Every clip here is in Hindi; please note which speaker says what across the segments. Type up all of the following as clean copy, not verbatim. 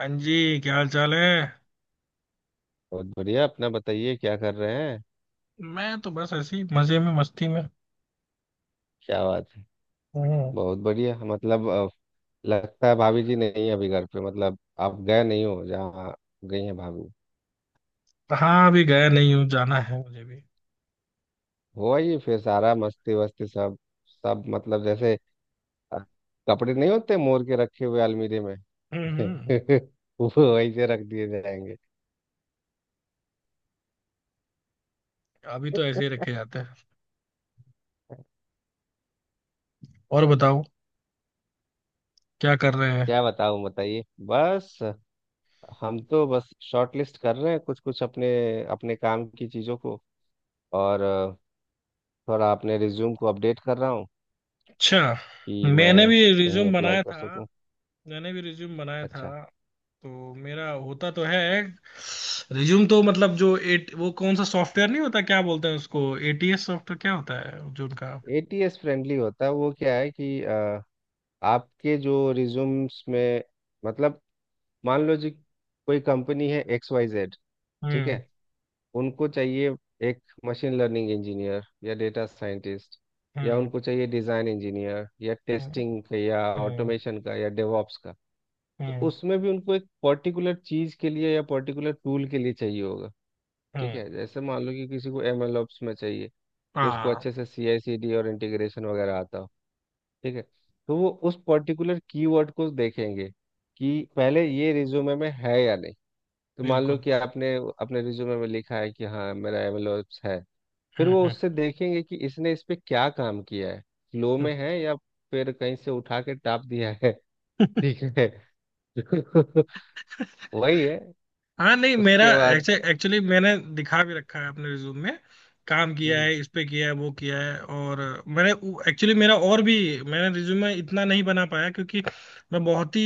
Speaker 1: हाँ जी, क्या हाल चाल है।
Speaker 2: बहुत बढ़िया। अपना बताइए, क्या कर रहे हैं।
Speaker 1: मैं तो बस ऐसे ही मजे में, मस्ती में
Speaker 2: क्या बात है।
Speaker 1: हूँ।
Speaker 2: बहुत बढ़िया, मतलब लगता है भाभी जी नहीं है अभी घर पे, मतलब आप गए नहीं हो जहाँ गई हैं भाभी।
Speaker 1: कहाँ, अभी गया नहीं हूँ। जाना है मुझे भी।
Speaker 2: हो आइए फिर, सारा मस्ती वस्ती सब, मतलब जैसे अ, कपड़े नहीं होते मोर के रखे हुए अलमीरे में।
Speaker 1: हम्म। हम्म।
Speaker 2: वो वैसे रख दिए जाएंगे।
Speaker 1: अभी तो ऐसे ही रखे जाते हैं। और बताओ। क्या कर रहे हैं।
Speaker 2: क्या बताऊं, बताइए बस। हम तो बस शॉर्ट लिस्ट कर रहे हैं कुछ कुछ अपने अपने काम की चीज़ों को, और थोड़ा अपने रिज्यूम को अपडेट कर रहा हूँ
Speaker 1: अच्छा।
Speaker 2: कि
Speaker 1: मैंने
Speaker 2: मैं
Speaker 1: भी
Speaker 2: कहीं
Speaker 1: रिज्यूम
Speaker 2: अप्लाई
Speaker 1: बनाया
Speaker 2: कर
Speaker 1: था।
Speaker 2: सकूं।
Speaker 1: मैंने भी रिज्यूम बनाया
Speaker 2: अच्छा,
Speaker 1: था। तो मेरा होता तो है। रिज्यूम तो मतलब जो एट वो कौन सा सॉफ्टवेयर नहीं होता, क्या बोलते हैं उसको, एटीएस सॉफ्टवेयर, क्या होता है जो उनका।
Speaker 2: एटीएस फ्रेंडली होता है। वो क्या है कि आपके जो रिज्यूम्स में, मतलब मान लो जी, कोई कंपनी है एक्स वाई जेड। ठीक है।
Speaker 1: हम्म।
Speaker 2: उनको चाहिए एक मशीन लर्निंग इंजीनियर या डेटा साइंटिस्ट, या
Speaker 1: हम्म।
Speaker 2: उनको चाहिए डिज़ाइन इंजीनियर या
Speaker 1: हम्म।
Speaker 2: टेस्टिंग का या
Speaker 1: हम्म।
Speaker 2: ऑटोमेशन का या डेवॉप्स का। तो
Speaker 1: हम्म।
Speaker 2: उसमें भी उनको एक पर्टिकुलर चीज़ के लिए या पर्टिकुलर टूल के लिए चाहिए होगा। ठीक
Speaker 1: हम्म।
Speaker 2: है, जैसे मान लो कि किसी को एमएल ओप्स में चाहिए, कि उसको
Speaker 1: हाँ।
Speaker 2: अच्छे से सीआई सीडी और इंटीग्रेशन वगैरह आता हो। ठीक है। तो वो उस पर्टिकुलर कीवर्ड को देखेंगे कि पहले ये रिज्यूमे में है या नहीं। तो मान लो
Speaker 1: बिल्कुल।
Speaker 2: कि आपने अपने रिज्यूमे में लिखा है कि हाँ मेरा एमएल ओप्स है। फिर वो
Speaker 1: हम्म।
Speaker 2: उससे देखेंगे कि इसने इस पे क्या काम किया है, फ्लो में है या फिर कहीं से उठा के टाप दिया है।
Speaker 1: हम्म।
Speaker 2: ठीक है। वही है,
Speaker 1: हाँ, नहीं, मेरा
Speaker 2: उसके बाद।
Speaker 1: एक्चुअली मैंने दिखा भी रखा है अपने रिज्यूम में। काम किया
Speaker 2: हम्म।
Speaker 1: है, इस पे किया है, वो किया है। और मैंने एक्चुअली मेरा और भी, मैंने रिज्यूमे इतना नहीं बना पाया, क्योंकि मैं बहुत ही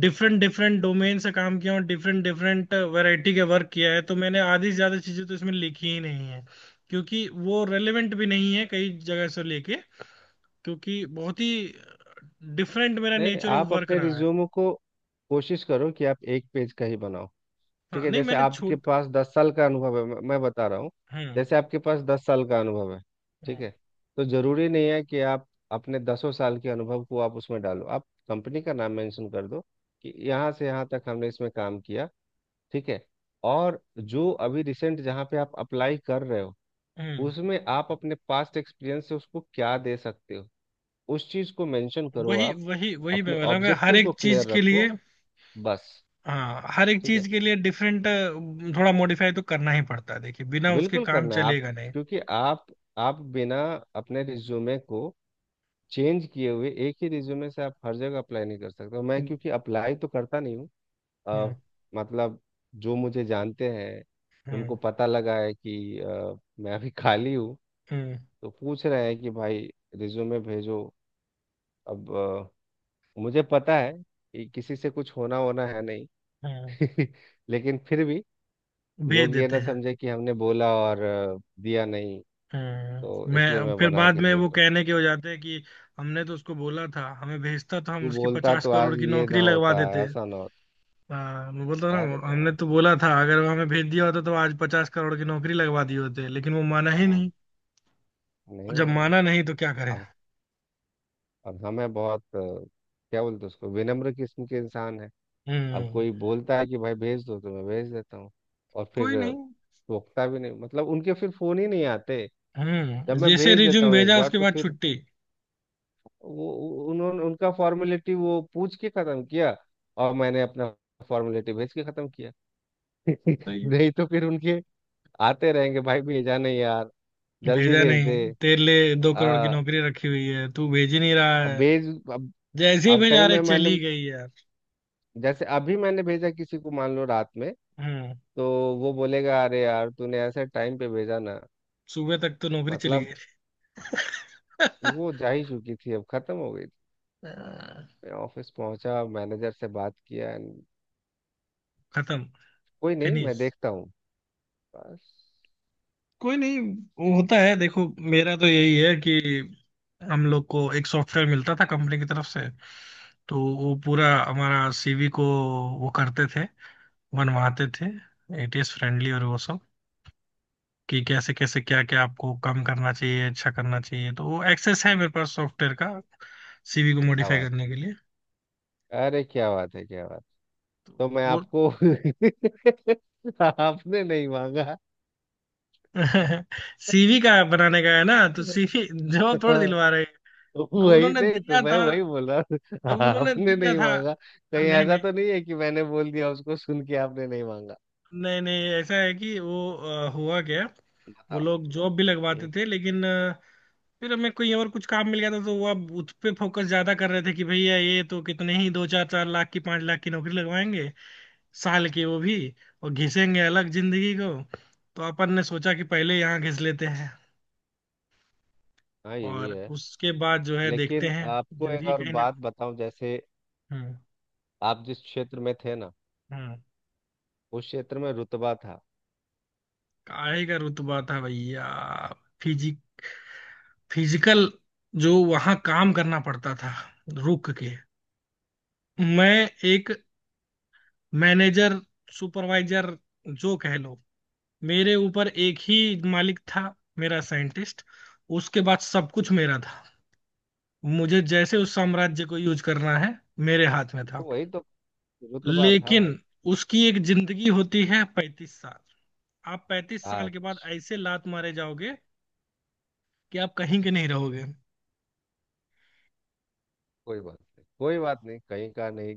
Speaker 1: डिफरेंट डिफरेंट डोमेन से काम किया हूँ। डिफरेंट डिफरेंट वैरायटी के वर्क किया है। तो मैंने आधी से ज्यादा चीजें तो इसमें लिखी ही नहीं है, क्योंकि वो रेलेवेंट भी नहीं है कई जगह से लेके। क्योंकि बहुत ही डिफरेंट मेरा
Speaker 2: नहीं नहीं,
Speaker 1: नेचर ऑफ
Speaker 2: आप
Speaker 1: वर्क
Speaker 2: अपने
Speaker 1: रहा है।
Speaker 2: रिज्यूम को कोशिश करो कि आप एक पेज का ही बनाओ। ठीक
Speaker 1: हाँ
Speaker 2: है,
Speaker 1: नहीं,
Speaker 2: जैसे
Speaker 1: मैंने
Speaker 2: आपके
Speaker 1: छोट।
Speaker 2: पास 10 साल का अनुभव है, मैं बता रहा हूँ।
Speaker 1: हम्म।
Speaker 2: जैसे आपके पास दस साल का अनुभव है। ठीक
Speaker 1: हम्म।
Speaker 2: है। तो जरूरी नहीं है कि आप अपने दसों साल के अनुभव को आप उसमें डालो, आप कंपनी का नाम मेंशन कर दो कि यहाँ से यहाँ तक हमने इसमें काम किया। ठीक है। और जो अभी रिसेंट जहाँ पे आप अप्लाई कर रहे हो,
Speaker 1: हम्म।
Speaker 2: उसमें आप अपने पास्ट एक्सपीरियंस से उसको क्या दे सकते हो, उस चीज को मेंशन करो
Speaker 1: वही
Speaker 2: आप।
Speaker 1: वही वही, मैं
Speaker 2: अपने
Speaker 1: बोलूँगा हर
Speaker 2: ऑब्जेक्टिव को
Speaker 1: एक चीज
Speaker 2: क्लियर
Speaker 1: के लिए।
Speaker 2: रखो, बस।
Speaker 1: हाँ, हर एक
Speaker 2: ठीक है।
Speaker 1: चीज के लिए डिफरेंट। थोड़ा मॉडिफाई तो करना ही पड़ता है, देखिए बिना उसके
Speaker 2: बिल्कुल
Speaker 1: काम
Speaker 2: करना है आप,
Speaker 1: चलेगा नहीं।
Speaker 2: क्योंकि आप बिना अपने रिज्यूमे को चेंज किए हुए एक ही रिज्यूमे से आप हर जगह अप्लाई नहीं कर सकते हो। मैं
Speaker 1: हम्म।
Speaker 2: क्योंकि अप्लाई तो करता नहीं हूँ
Speaker 1: हम्म।
Speaker 2: अ, मतलब जो मुझे जानते हैं,
Speaker 1: हम्म।
Speaker 2: उनको पता लगा है कि मैं अभी खाली हूँ।
Speaker 1: हम्म।
Speaker 2: तो पूछ रहे हैं कि भाई रिज्यूमे भेजो। अब मुझे पता है कि किसी से कुछ होना होना है नहीं।
Speaker 1: हम्म।
Speaker 2: लेकिन फिर भी
Speaker 1: भेज
Speaker 2: लोग ये
Speaker 1: देते
Speaker 2: ना
Speaker 1: हैं।
Speaker 2: समझे कि हमने बोला और दिया नहीं। तो इसलिए
Speaker 1: मैं
Speaker 2: मैं
Speaker 1: फिर
Speaker 2: बना
Speaker 1: बाद
Speaker 2: के
Speaker 1: में
Speaker 2: भेज
Speaker 1: वो
Speaker 2: रहा हूँ।
Speaker 1: कहने के हो जाते हैं कि हमने तो उसको बोला था, हमें भेजता तो हम
Speaker 2: तू
Speaker 1: उसकी
Speaker 2: बोलता
Speaker 1: पचास
Speaker 2: तो
Speaker 1: करोड़
Speaker 2: आज
Speaker 1: की
Speaker 2: ये
Speaker 1: नौकरी
Speaker 2: ना
Speaker 1: लगवा
Speaker 2: होता,
Speaker 1: देते।
Speaker 2: ऐसा ना होता।
Speaker 1: हाँ, मैं बोलता ना।
Speaker 2: अरे
Speaker 1: हमने
Speaker 2: बहुत।
Speaker 1: तो बोला था, अगर वो हमें भेज दिया होता तो आज 50 करोड़ की नौकरी लगवा दी होते, लेकिन वो माना ही
Speaker 2: हाँ,
Speaker 1: नहीं।
Speaker 2: नहीं
Speaker 1: जब
Speaker 2: माना।
Speaker 1: माना नहीं, तो क्या करें।
Speaker 2: अब अब हमें बहुत क्या बोलते हैं उसको, विनम्र किस्म के इंसान है। अब
Speaker 1: हम्म।
Speaker 2: कोई बोलता है कि भाई भेज दो तो मैं भेज देता हूँ। और
Speaker 1: कोई
Speaker 2: फिर
Speaker 1: नहीं।
Speaker 2: टोकता भी नहीं, मतलब उनके फिर फोन ही नहीं आते। जब मैं
Speaker 1: जैसे
Speaker 2: भेज देता
Speaker 1: रिज्यूम
Speaker 2: हूँ एक
Speaker 1: भेजा,
Speaker 2: बार
Speaker 1: उसके
Speaker 2: तो
Speaker 1: बाद
Speaker 2: फिर
Speaker 1: छुट्टी।
Speaker 2: उन्होंने उनका फॉर्मेलिटी वो पूछ के खत्म किया, और मैंने अपना फॉर्मेलिटी भेज के खत्म किया।
Speaker 1: सही है।
Speaker 2: नहीं तो फिर उनके आते रहेंगे, भाई भेजा नहीं यार, जल्दी
Speaker 1: भेजा
Speaker 2: भेज
Speaker 1: नहीं,
Speaker 2: दे।
Speaker 1: तेरे लिए 2 करोड़ की
Speaker 2: आ,
Speaker 1: नौकरी रखी हुई है, तू भेज ही नहीं रहा
Speaker 2: अब
Speaker 1: है।
Speaker 2: भेज। अब
Speaker 1: जैसे ही
Speaker 2: अब
Speaker 1: भेजा,
Speaker 2: कहीं
Speaker 1: रहे
Speaker 2: मैं
Speaker 1: चली
Speaker 2: मैंने,
Speaker 1: गई यार।
Speaker 2: जैसे अभी मैंने भेजा किसी को मान लो रात में,
Speaker 1: हम्म।
Speaker 2: तो वो बोलेगा अरे यार तूने ऐसे टाइम पे भेजा ना।
Speaker 1: सुबह तक तो नौकरी चली
Speaker 2: मतलब
Speaker 1: गई।
Speaker 2: वो जा ही चुकी थी, अब खत्म हो गई थी। मैं ऑफिस पहुंचा, मैनेजर से बात किया, and
Speaker 1: खत्म।
Speaker 2: कोई नहीं मैं
Speaker 1: फिनिश।
Speaker 2: देखता हूँ, बस।
Speaker 1: कोई नहीं। वो होता है, देखो मेरा तो यही है कि हम लोग को एक सॉफ्टवेयर मिलता था कंपनी की तरफ से। तो वो पूरा हमारा सीवी को वो करते थे, बनवाते थे, एटीएस फ्रेंडली और वो सब। कि कैसे कैसे क्या क्या आपको कम करना चाहिए, अच्छा करना चाहिए। तो वो एक्सेस है मेरे पास सॉफ्टवेयर का, सीवी को
Speaker 2: क्या
Speaker 1: मॉडिफाई
Speaker 2: बात।
Speaker 1: करने के लिए।
Speaker 2: अरे क्या बात है, क्या बात।
Speaker 1: तो
Speaker 2: तो मैं
Speaker 1: वो
Speaker 2: आपको आपने नहीं मांगा।
Speaker 1: सीवी का बनाने का है ना, तो सीवी जवाब थोड़ा दिलवा रहे हैं। अब
Speaker 2: वही,
Speaker 1: उन्होंने
Speaker 2: नहीं तो
Speaker 1: दिया
Speaker 2: मैं
Speaker 1: था।
Speaker 2: वही बोल रहा हूँ।
Speaker 1: अब उन्होंने
Speaker 2: आपने
Speaker 1: दिया
Speaker 2: नहीं
Speaker 1: था।
Speaker 2: मांगा। कहीं
Speaker 1: नहीं
Speaker 2: ऐसा
Speaker 1: नहीं।
Speaker 2: तो नहीं है कि मैंने बोल दिया उसको सुन के आपने नहीं मांगा।
Speaker 1: नहीं नहीं, ऐसा है कि वो हुआ क्या। वो
Speaker 2: बताओ।
Speaker 1: लोग जॉब भी लगवाते
Speaker 2: हम्म,
Speaker 1: थे, लेकिन फिर हमें कोई और कुछ काम मिल गया था, तो वो अब उस पे फोकस ज्यादा कर रहे थे, कि भैया ये तो कितने ही दो चार चार लाख की, 5 लाख की नौकरी लगवाएंगे साल की वो भी। और घिसेंगे अलग जिंदगी को। तो अपन ने सोचा कि पहले यहाँ घिस लेते हैं
Speaker 2: हाँ ये भी
Speaker 1: और
Speaker 2: है।
Speaker 1: उसके बाद जो है देखते
Speaker 2: लेकिन
Speaker 1: हैं।
Speaker 2: आपको एक
Speaker 1: जिंदगी
Speaker 2: और
Speaker 1: कहीं ना।
Speaker 2: बात बताऊं, जैसे
Speaker 1: हम्म।
Speaker 2: आप जिस क्षेत्र में थे ना,
Speaker 1: हम्म।
Speaker 2: उस क्षेत्र में रुतबा था।
Speaker 1: काहे का रुतबा था भैया। फिजिक फिजिकल, जो वहां काम करना पड़ता था, रुक के। मैं एक मैनेजर, सुपरवाइजर, जो कह लो। मेरे ऊपर एक ही मालिक था, मेरा साइंटिस्ट। उसके बाद सब कुछ मेरा था। मुझे जैसे उस साम्राज्य को यूज करना है, मेरे हाथ में
Speaker 2: तो
Speaker 1: था।
Speaker 2: वही तो रुतबा था
Speaker 1: लेकिन
Speaker 2: भाई।
Speaker 1: उसकी एक जिंदगी होती है 35 साल। आप 35 साल के
Speaker 2: आज
Speaker 1: बाद ऐसे लात मारे जाओगे कि आप कहीं के नहीं रहोगे।
Speaker 2: कोई बात नहीं, कोई बात नहीं कहीं का नहीं।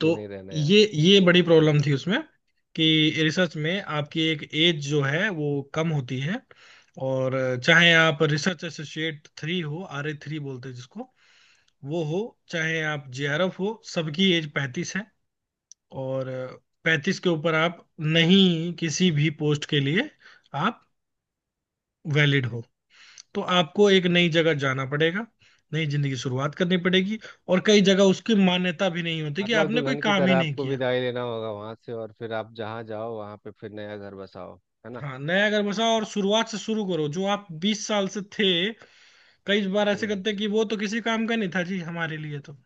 Speaker 1: तो
Speaker 2: नहीं रहना यार,
Speaker 1: ये बड़ी
Speaker 2: रहना।
Speaker 1: प्रॉब्लम थी उसमें, कि रिसर्च में आपकी एक एज जो है वो कम होती है। और चाहे आप रिसर्च एसोसिएट थ्री हो, आर ए थ्री बोलते हैं जिसको, वो हो, चाहे आप जेआरएफ हो, सबकी एज 35 है। और 35 के ऊपर आप नहीं किसी भी पोस्ट के लिए आप वैलिड हो। तो आपको एक नई जगह जाना पड़ेगा, नई जिंदगी की शुरुआत करनी पड़ेगी। और कई जगह उसकी मान्यता भी नहीं होती, कि
Speaker 2: मतलब
Speaker 1: आपने कोई
Speaker 2: दुल्हन की
Speaker 1: काम ही
Speaker 2: तरह
Speaker 1: नहीं
Speaker 2: आपको
Speaker 1: किया।
Speaker 2: विदाई लेना होगा वहां से, और फिर आप जहाँ जाओ वहां पे फिर नया घर बसाओ, है ना।
Speaker 1: हाँ, नया घर बसाओ, और शुरुआत से शुरू करो जो आप 20 साल से थे। कई बार ऐसे
Speaker 2: हम्म।
Speaker 1: करते हैं कि वो तो किसी काम का नहीं था जी हमारे लिए तो।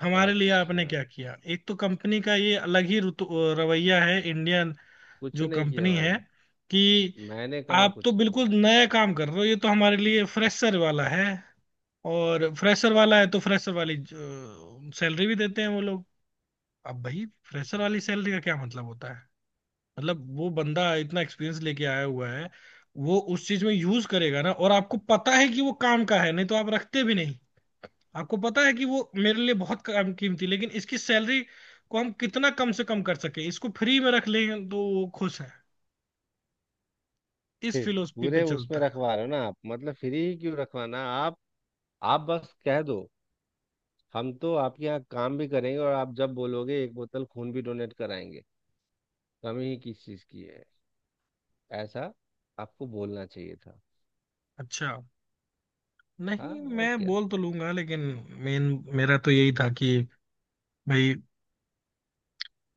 Speaker 1: हमारे लिए
Speaker 2: अच्छा,
Speaker 1: आपने क्या किया, एक तो कंपनी का ये अलग ही रवैया है इंडियन
Speaker 2: कुछ
Speaker 1: जो
Speaker 2: नहीं किया
Speaker 1: कंपनी है।
Speaker 2: भाई,
Speaker 1: कि
Speaker 2: मैंने कहाँ
Speaker 1: आप तो
Speaker 2: कुछ किया।
Speaker 1: बिल्कुल नया काम कर रहे हो, ये तो हमारे लिए फ्रेशर वाला है। और फ्रेशर वाला है तो फ्रेशर वाली सैलरी भी देते हैं वो लोग। अब भाई
Speaker 2: ठीक
Speaker 1: फ्रेशर
Speaker 2: है।
Speaker 1: वाली सैलरी का क्या मतलब होता है। मतलब वो बंदा इतना एक्सपीरियंस लेके आया हुआ है, वो उस चीज में यूज करेगा ना, और आपको पता है कि वो काम का है नहीं तो आप रखते भी नहीं। आपको पता है कि वो मेरे लिए बहुत काम कीमती, लेकिन इसकी सैलरी को हम कितना कम से कम कर सके, इसको फ्री में रख लें तो वो खुश है। इस
Speaker 2: फिर
Speaker 1: फिलोसफी पे
Speaker 2: पूरे उसमें
Speaker 1: चलता है।
Speaker 2: रखवा रहे हो ना आप, मतलब फ्री ही क्यों रखवाना आप। आप बस कह दो, हम तो आपके यहाँ काम भी करेंगे और आप जब बोलोगे एक बोतल खून भी डोनेट कराएंगे, कमी ही किस चीज़ की है। ऐसा आपको बोलना चाहिए था।
Speaker 1: अच्छा,
Speaker 2: हाँ,
Speaker 1: नहीं
Speaker 2: और
Speaker 1: मैं
Speaker 2: क्या।
Speaker 1: बोल तो लूंगा, लेकिन मेन मेरा तो यही था कि भाई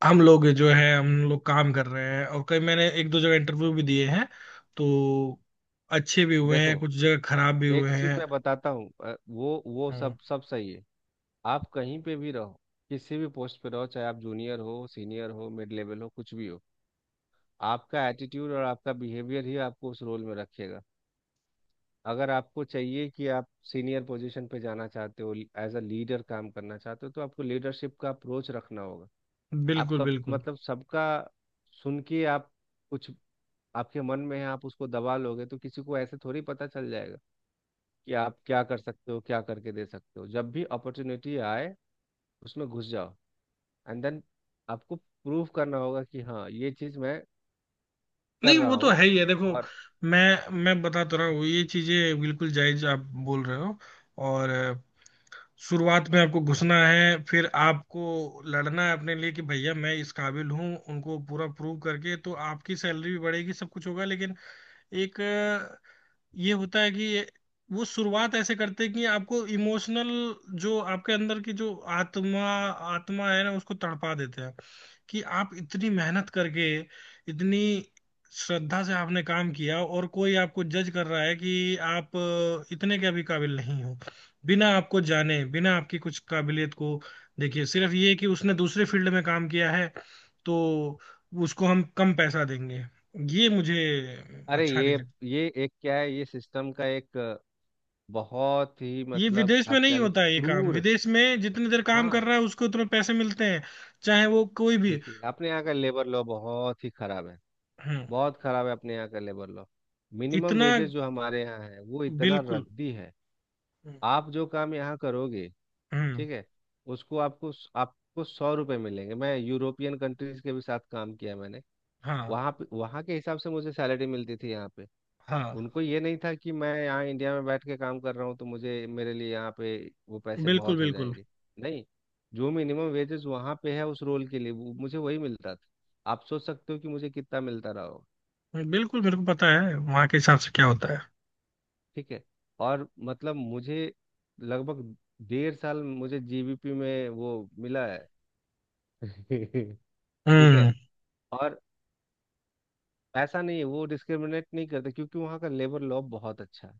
Speaker 1: हम लोग जो है, हम लोग काम कर रहे हैं। और कई मैंने एक दो जगह इंटरव्यू भी दिए हैं, तो अच्छे भी हुए
Speaker 2: देखो,
Speaker 1: हैं, कुछ जगह खराब भी
Speaker 2: एक
Speaker 1: हुए
Speaker 2: चीज़ मैं
Speaker 1: हैं।
Speaker 2: बताता हूँ, वो सब
Speaker 1: हम्म।
Speaker 2: सब सही है। आप कहीं पे भी रहो, किसी भी पोस्ट पे रहो, चाहे आप जूनियर हो सीनियर हो मिड लेवल हो कुछ भी हो, आपका एटीट्यूड और आपका बिहेवियर ही आपको उस रोल में रखेगा। अगर आपको चाहिए कि आप सीनियर पोजीशन पे जाना चाहते हो, एज अ लीडर काम करना चाहते हो, तो आपको लीडरशिप का अप्रोच रखना होगा।
Speaker 1: बिल्कुल
Speaker 2: आपका
Speaker 1: बिल्कुल।
Speaker 2: मतलब सबका सुन के आप, कुछ आपके मन में है आप उसको दबा लोगे तो किसी को ऐसे थोड़ी पता चल जाएगा कि आप क्या कर सकते हो, क्या करके दे सकते हो। जब भी अपॉर्चुनिटी आए, उसमें घुस जाओ, एंड देन आपको प्रूव करना होगा कि हाँ ये चीज़ मैं कर
Speaker 1: नहीं
Speaker 2: रहा
Speaker 1: वो तो
Speaker 2: हूँ।
Speaker 1: है ही है, देखो
Speaker 2: और
Speaker 1: मैं बता तो रहा हूँ, ये चीजें बिल्कुल जायज आप बोल रहे हो। और शुरुआत में आपको घुसना है, फिर आपको लड़ना है अपने लिए कि भैया मैं इस काबिल हूँ, उनको पूरा प्रूव करके तो आपकी सैलरी भी बढ़ेगी, सब कुछ होगा। लेकिन एक ये होता है कि वो शुरुआत ऐसे करते हैं कि आपको इमोशनल, जो आपके अंदर की जो आत्मा आत्मा है ना, उसको तड़पा देते हैं, कि आप इतनी मेहनत करके, इतनी श्रद्धा से आपने काम किया, और कोई आपको जज कर रहा है कि आप इतने के भी काबिल नहीं हो, बिना आपको जाने, बिना आपकी कुछ काबिलियत को देखिए, सिर्फ ये कि उसने दूसरे फील्ड में काम किया है, तो उसको हम कम पैसा देंगे, ये मुझे
Speaker 2: अरे
Speaker 1: अच्छा नहीं
Speaker 2: ये
Speaker 1: लगता।
Speaker 2: ये एक क्या है, ये सिस्टम का एक बहुत ही,
Speaker 1: ये
Speaker 2: मतलब
Speaker 1: विदेश में
Speaker 2: आप क्या
Speaker 1: नहीं
Speaker 2: लो,
Speaker 1: होता है, ये काम
Speaker 2: क्रूर।
Speaker 1: विदेश में जितनी देर काम कर
Speaker 2: हाँ।
Speaker 1: रहा है उसको उतने पैसे मिलते हैं, चाहे वो कोई भी।
Speaker 2: देखिए अपने यहाँ का लेबर लॉ बहुत ही खराब है।
Speaker 1: हम्म।
Speaker 2: बहुत खराब है अपने यहाँ का लेबर लॉ। मिनिमम
Speaker 1: इतना।
Speaker 2: वेजेस जो हमारे यहाँ है वो इतना
Speaker 1: बिल्कुल।
Speaker 2: रद्दी है। आप जो काम यहाँ करोगे,
Speaker 1: हम्म।
Speaker 2: ठीक है, उसको आपको आपको 100 रुपए मिलेंगे। मैं यूरोपियन कंट्रीज के भी साथ काम किया मैंने।
Speaker 1: हाँ।
Speaker 2: वहाँ पे, वहाँ के हिसाब से मुझे सैलरी मिलती थी यहाँ पे।
Speaker 1: हाँ।
Speaker 2: उनको ये नहीं था कि मैं यहाँ इंडिया में बैठ के काम कर रहा हूँ तो मुझे, मेरे लिए यहाँ पे वो पैसे
Speaker 1: बिल्कुल
Speaker 2: बहुत हो
Speaker 1: बिल्कुल।
Speaker 2: जाएंगे। नहीं, जो मिनिमम वेजेस वहाँ पे है उस रोल के लिए वो मुझे वही मिलता था। आप सोच सकते हो कि मुझे कितना मिलता रहा होगा।
Speaker 1: बिल्कुल, मेरे को पता है वहां के हिसाब से क्या होता है।
Speaker 2: ठीक है। और मतलब मुझे लगभग डेढ़ साल मुझे जीबीपी में वो मिला है। ठीक है।
Speaker 1: हम्म।
Speaker 2: और ऐसा नहीं है, वो डिस्क्रिमिनेट नहीं करते क्योंकि वहाँ का लेबर लॉ बहुत अच्छा है।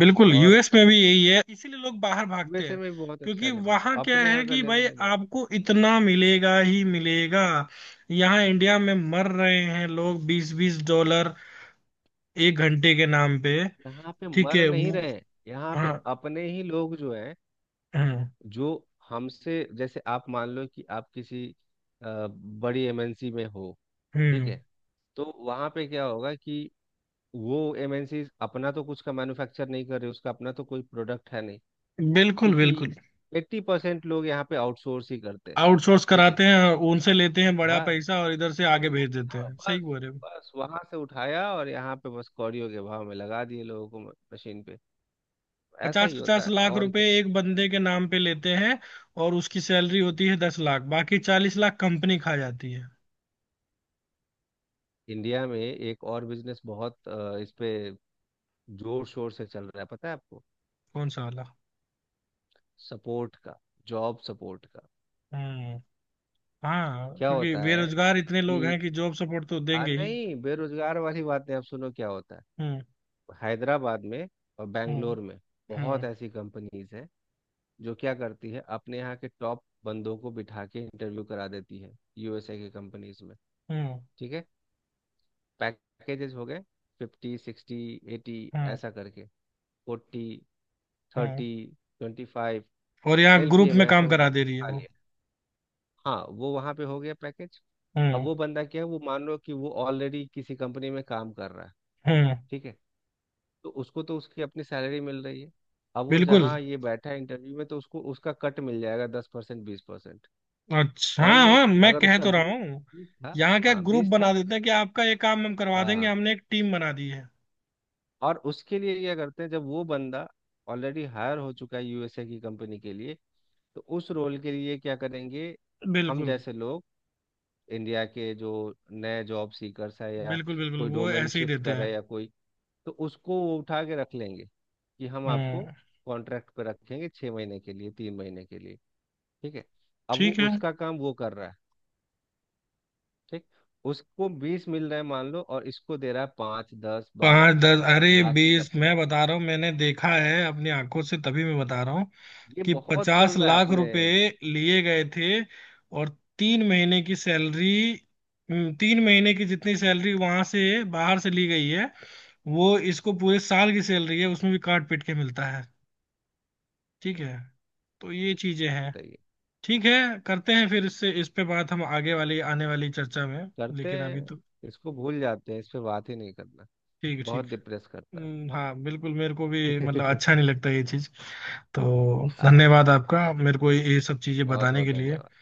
Speaker 1: बिल्कुल,
Speaker 2: और
Speaker 1: यूएस में भी यही है, इसीलिए लोग बाहर भागते
Speaker 2: यूएसए
Speaker 1: हैं,
Speaker 2: में भी बहुत अच्छा
Speaker 1: क्योंकि
Speaker 2: है लेबर,
Speaker 1: वहां क्या
Speaker 2: अपने
Speaker 1: है
Speaker 2: यहाँ का
Speaker 1: कि भाई
Speaker 2: लेबर लॉ।
Speaker 1: आपको इतना मिलेगा ही मिलेगा। यहाँ इंडिया में मर रहे हैं लोग 20-20 डॉलर 1 घंटे के नाम पे।
Speaker 2: यहाँ पे
Speaker 1: ठीक
Speaker 2: मर
Speaker 1: है,
Speaker 2: नहीं
Speaker 1: वो।
Speaker 2: रहे हैं। यहाँ पे
Speaker 1: हाँ।
Speaker 2: अपने ही लोग जो हैं,
Speaker 1: हम्म।
Speaker 2: जो हमसे, जैसे आप मान लो कि आप किसी बड़ी एमएनसी में हो। ठीक
Speaker 1: हम्म।
Speaker 2: है। तो वहाँ पे क्या होगा कि वो एमएनसी अपना तो कुछ का मैन्युफैक्चर नहीं कर रहे, उसका अपना तो कोई प्रोडक्ट है नहीं।
Speaker 1: बिल्कुल
Speaker 2: क्योंकि
Speaker 1: बिल्कुल।
Speaker 2: 80% लोग यहाँ पे आउटसोर्स ही करते हैं।
Speaker 1: आउटसोर्स
Speaker 2: ठीक है,
Speaker 1: कराते हैं, उनसे लेते हैं बड़ा
Speaker 2: हाँ
Speaker 1: पैसा और इधर से
Speaker 2: हम
Speaker 1: आगे भेज
Speaker 2: लोग,
Speaker 1: देते
Speaker 2: हाँ
Speaker 1: हैं, सही
Speaker 2: बस,
Speaker 1: बोल रहे हो।
Speaker 2: बस वहां से उठाया और यहाँ पे बस कौड़ियों के भाव में लगा दिए लोगों को मशीन पे। ऐसा
Speaker 1: पचास
Speaker 2: ही होता
Speaker 1: पचास
Speaker 2: है।
Speaker 1: लाख
Speaker 2: और
Speaker 1: रुपए
Speaker 2: क्या।
Speaker 1: एक बंदे के नाम पे लेते हैं। और उसकी सैलरी होती है 10 लाख, बाकी 40 लाख कंपनी खा जाती है।
Speaker 2: इंडिया में एक और बिजनेस बहुत इस पे जोर शोर से चल रहा है, पता है आपको,
Speaker 1: कौन सा वाला।
Speaker 2: सपोर्ट का, जॉब सपोर्ट का।
Speaker 1: हम्म। हाँ,
Speaker 2: क्या
Speaker 1: क्योंकि
Speaker 2: होता है
Speaker 1: बेरोजगार इतने लोग
Speaker 2: कि,
Speaker 1: हैं कि जॉब सपोर्ट तो
Speaker 2: आ
Speaker 1: देंगे ही।
Speaker 2: नहीं बेरोजगार वाली बात नहीं, आप सुनो क्या होता
Speaker 1: हम्म।
Speaker 2: है। हैदराबाद में और बैंगलोर
Speaker 1: हम्म।
Speaker 2: में बहुत
Speaker 1: हम्म।
Speaker 2: ऐसी कंपनीज हैं, जो क्या करती है, अपने यहाँ के टॉप बंदों को बिठा के इंटरव्यू करा देती है यूएसए की कंपनीज में।
Speaker 1: हम्म।
Speaker 2: ठीक है। पैकेजेस हो गए 50 60 80,
Speaker 1: हम्म।
Speaker 2: ऐसा करके 40
Speaker 1: हम्म।
Speaker 2: 30 25
Speaker 1: और यहाँ ग्रुप
Speaker 2: एलपीए
Speaker 1: में
Speaker 2: में, ऐसा
Speaker 1: काम करा
Speaker 2: उन्होंने
Speaker 1: दे रही है
Speaker 2: खा
Speaker 1: वो।
Speaker 2: लिया। हाँ, वो वहां पे हो गया पैकेज। अब
Speaker 1: हम्म।
Speaker 2: वो बंदा क्या है, वो मान लो कि वो ऑलरेडी किसी कंपनी में काम कर रहा है।
Speaker 1: हम्म।
Speaker 2: ठीक है। तो उसको तो उसकी अपनी सैलरी मिल रही है। अब वो
Speaker 1: बिल्कुल।
Speaker 2: जहाँ ये बैठा है इंटरव्यू में, तो उसको उसका कट मिल जाएगा, 10% 20%।
Speaker 1: अच्छा,
Speaker 2: मान
Speaker 1: हाँ
Speaker 2: लो
Speaker 1: हाँ, मैं
Speaker 2: अगर
Speaker 1: कह
Speaker 2: उसका
Speaker 1: तो रहा
Speaker 2: बीस
Speaker 1: हूँ।
Speaker 2: बीस था।
Speaker 1: यहाँ क्या
Speaker 2: हाँ,
Speaker 1: ग्रुप
Speaker 2: 20 था,
Speaker 1: बना देते हैं कि आपका ये काम हम करवा देंगे,
Speaker 2: हाँ।
Speaker 1: हमने एक टीम बना दी है।
Speaker 2: और उसके लिए क्या करते हैं, जब वो बंदा ऑलरेडी हायर हो चुका है यूएसए की कंपनी के लिए, तो उस रोल के लिए क्या करेंगे। हम
Speaker 1: बिल्कुल
Speaker 2: जैसे लोग, इंडिया के जो नए जॉब सीकर्स है, या
Speaker 1: बिल्कुल। बिल्कुल
Speaker 2: कोई
Speaker 1: वो
Speaker 2: डोमेन
Speaker 1: ऐसे ही
Speaker 2: शिफ्ट
Speaker 1: देते
Speaker 2: कर रहा
Speaker 1: हैं।
Speaker 2: है, या कोई, तो उसको वो उठा के रख लेंगे कि हम आपको
Speaker 1: हम्म।
Speaker 2: कॉन्ट्रैक्ट पे रखेंगे, 6 महीने के लिए, 3 महीने के लिए। ठीक है। अब वो
Speaker 1: ठीक है।
Speaker 2: उसका काम वो कर रहा है। ठीक, उसको 20 मिल रहा है मान लो और इसको दे रहा है पाँच दस बारह,
Speaker 1: पाँच दस, अरे
Speaker 2: बाकी का
Speaker 1: बीस, मैं
Speaker 2: पूरा।
Speaker 1: बता रहा हूँ, मैंने देखा है अपनी आंखों से, तभी मैं बता रहा
Speaker 2: ये
Speaker 1: कि
Speaker 2: बहुत चल
Speaker 1: पचास
Speaker 2: रहा है
Speaker 1: लाख
Speaker 2: अपने।
Speaker 1: रुपए लिए गए थे, और 3 महीने की सैलरी। 3 महीने की जितनी सैलरी वहां से बाहर से ली गई है, वो इसको पूरे साल की सैलरी है, उसमें भी काट पीट के मिलता है। ठीक है, तो ये चीजें हैं।
Speaker 2: तय
Speaker 1: ठीक है, करते हैं फिर इससे, इस पे बात हम आगे वाली आने वाली चर्चा में,
Speaker 2: करते
Speaker 1: लेकिन अभी
Speaker 2: हैं,
Speaker 1: तो
Speaker 2: इसको भूल जाते हैं, इस पे बात ही नहीं करना,
Speaker 1: ठीक है, ठीक।
Speaker 2: बहुत डिप्रेस करता
Speaker 1: हाँ बिल्कुल, मेरे को भी मतलब
Speaker 2: है।
Speaker 1: अच्छा नहीं लगता ये चीज। तो
Speaker 2: हाँ,
Speaker 1: धन्यवाद आपका, मेरे को ये सब चीजें
Speaker 2: बहुत
Speaker 1: बताने
Speaker 2: बहुत
Speaker 1: के लिए।
Speaker 2: धन्यवाद।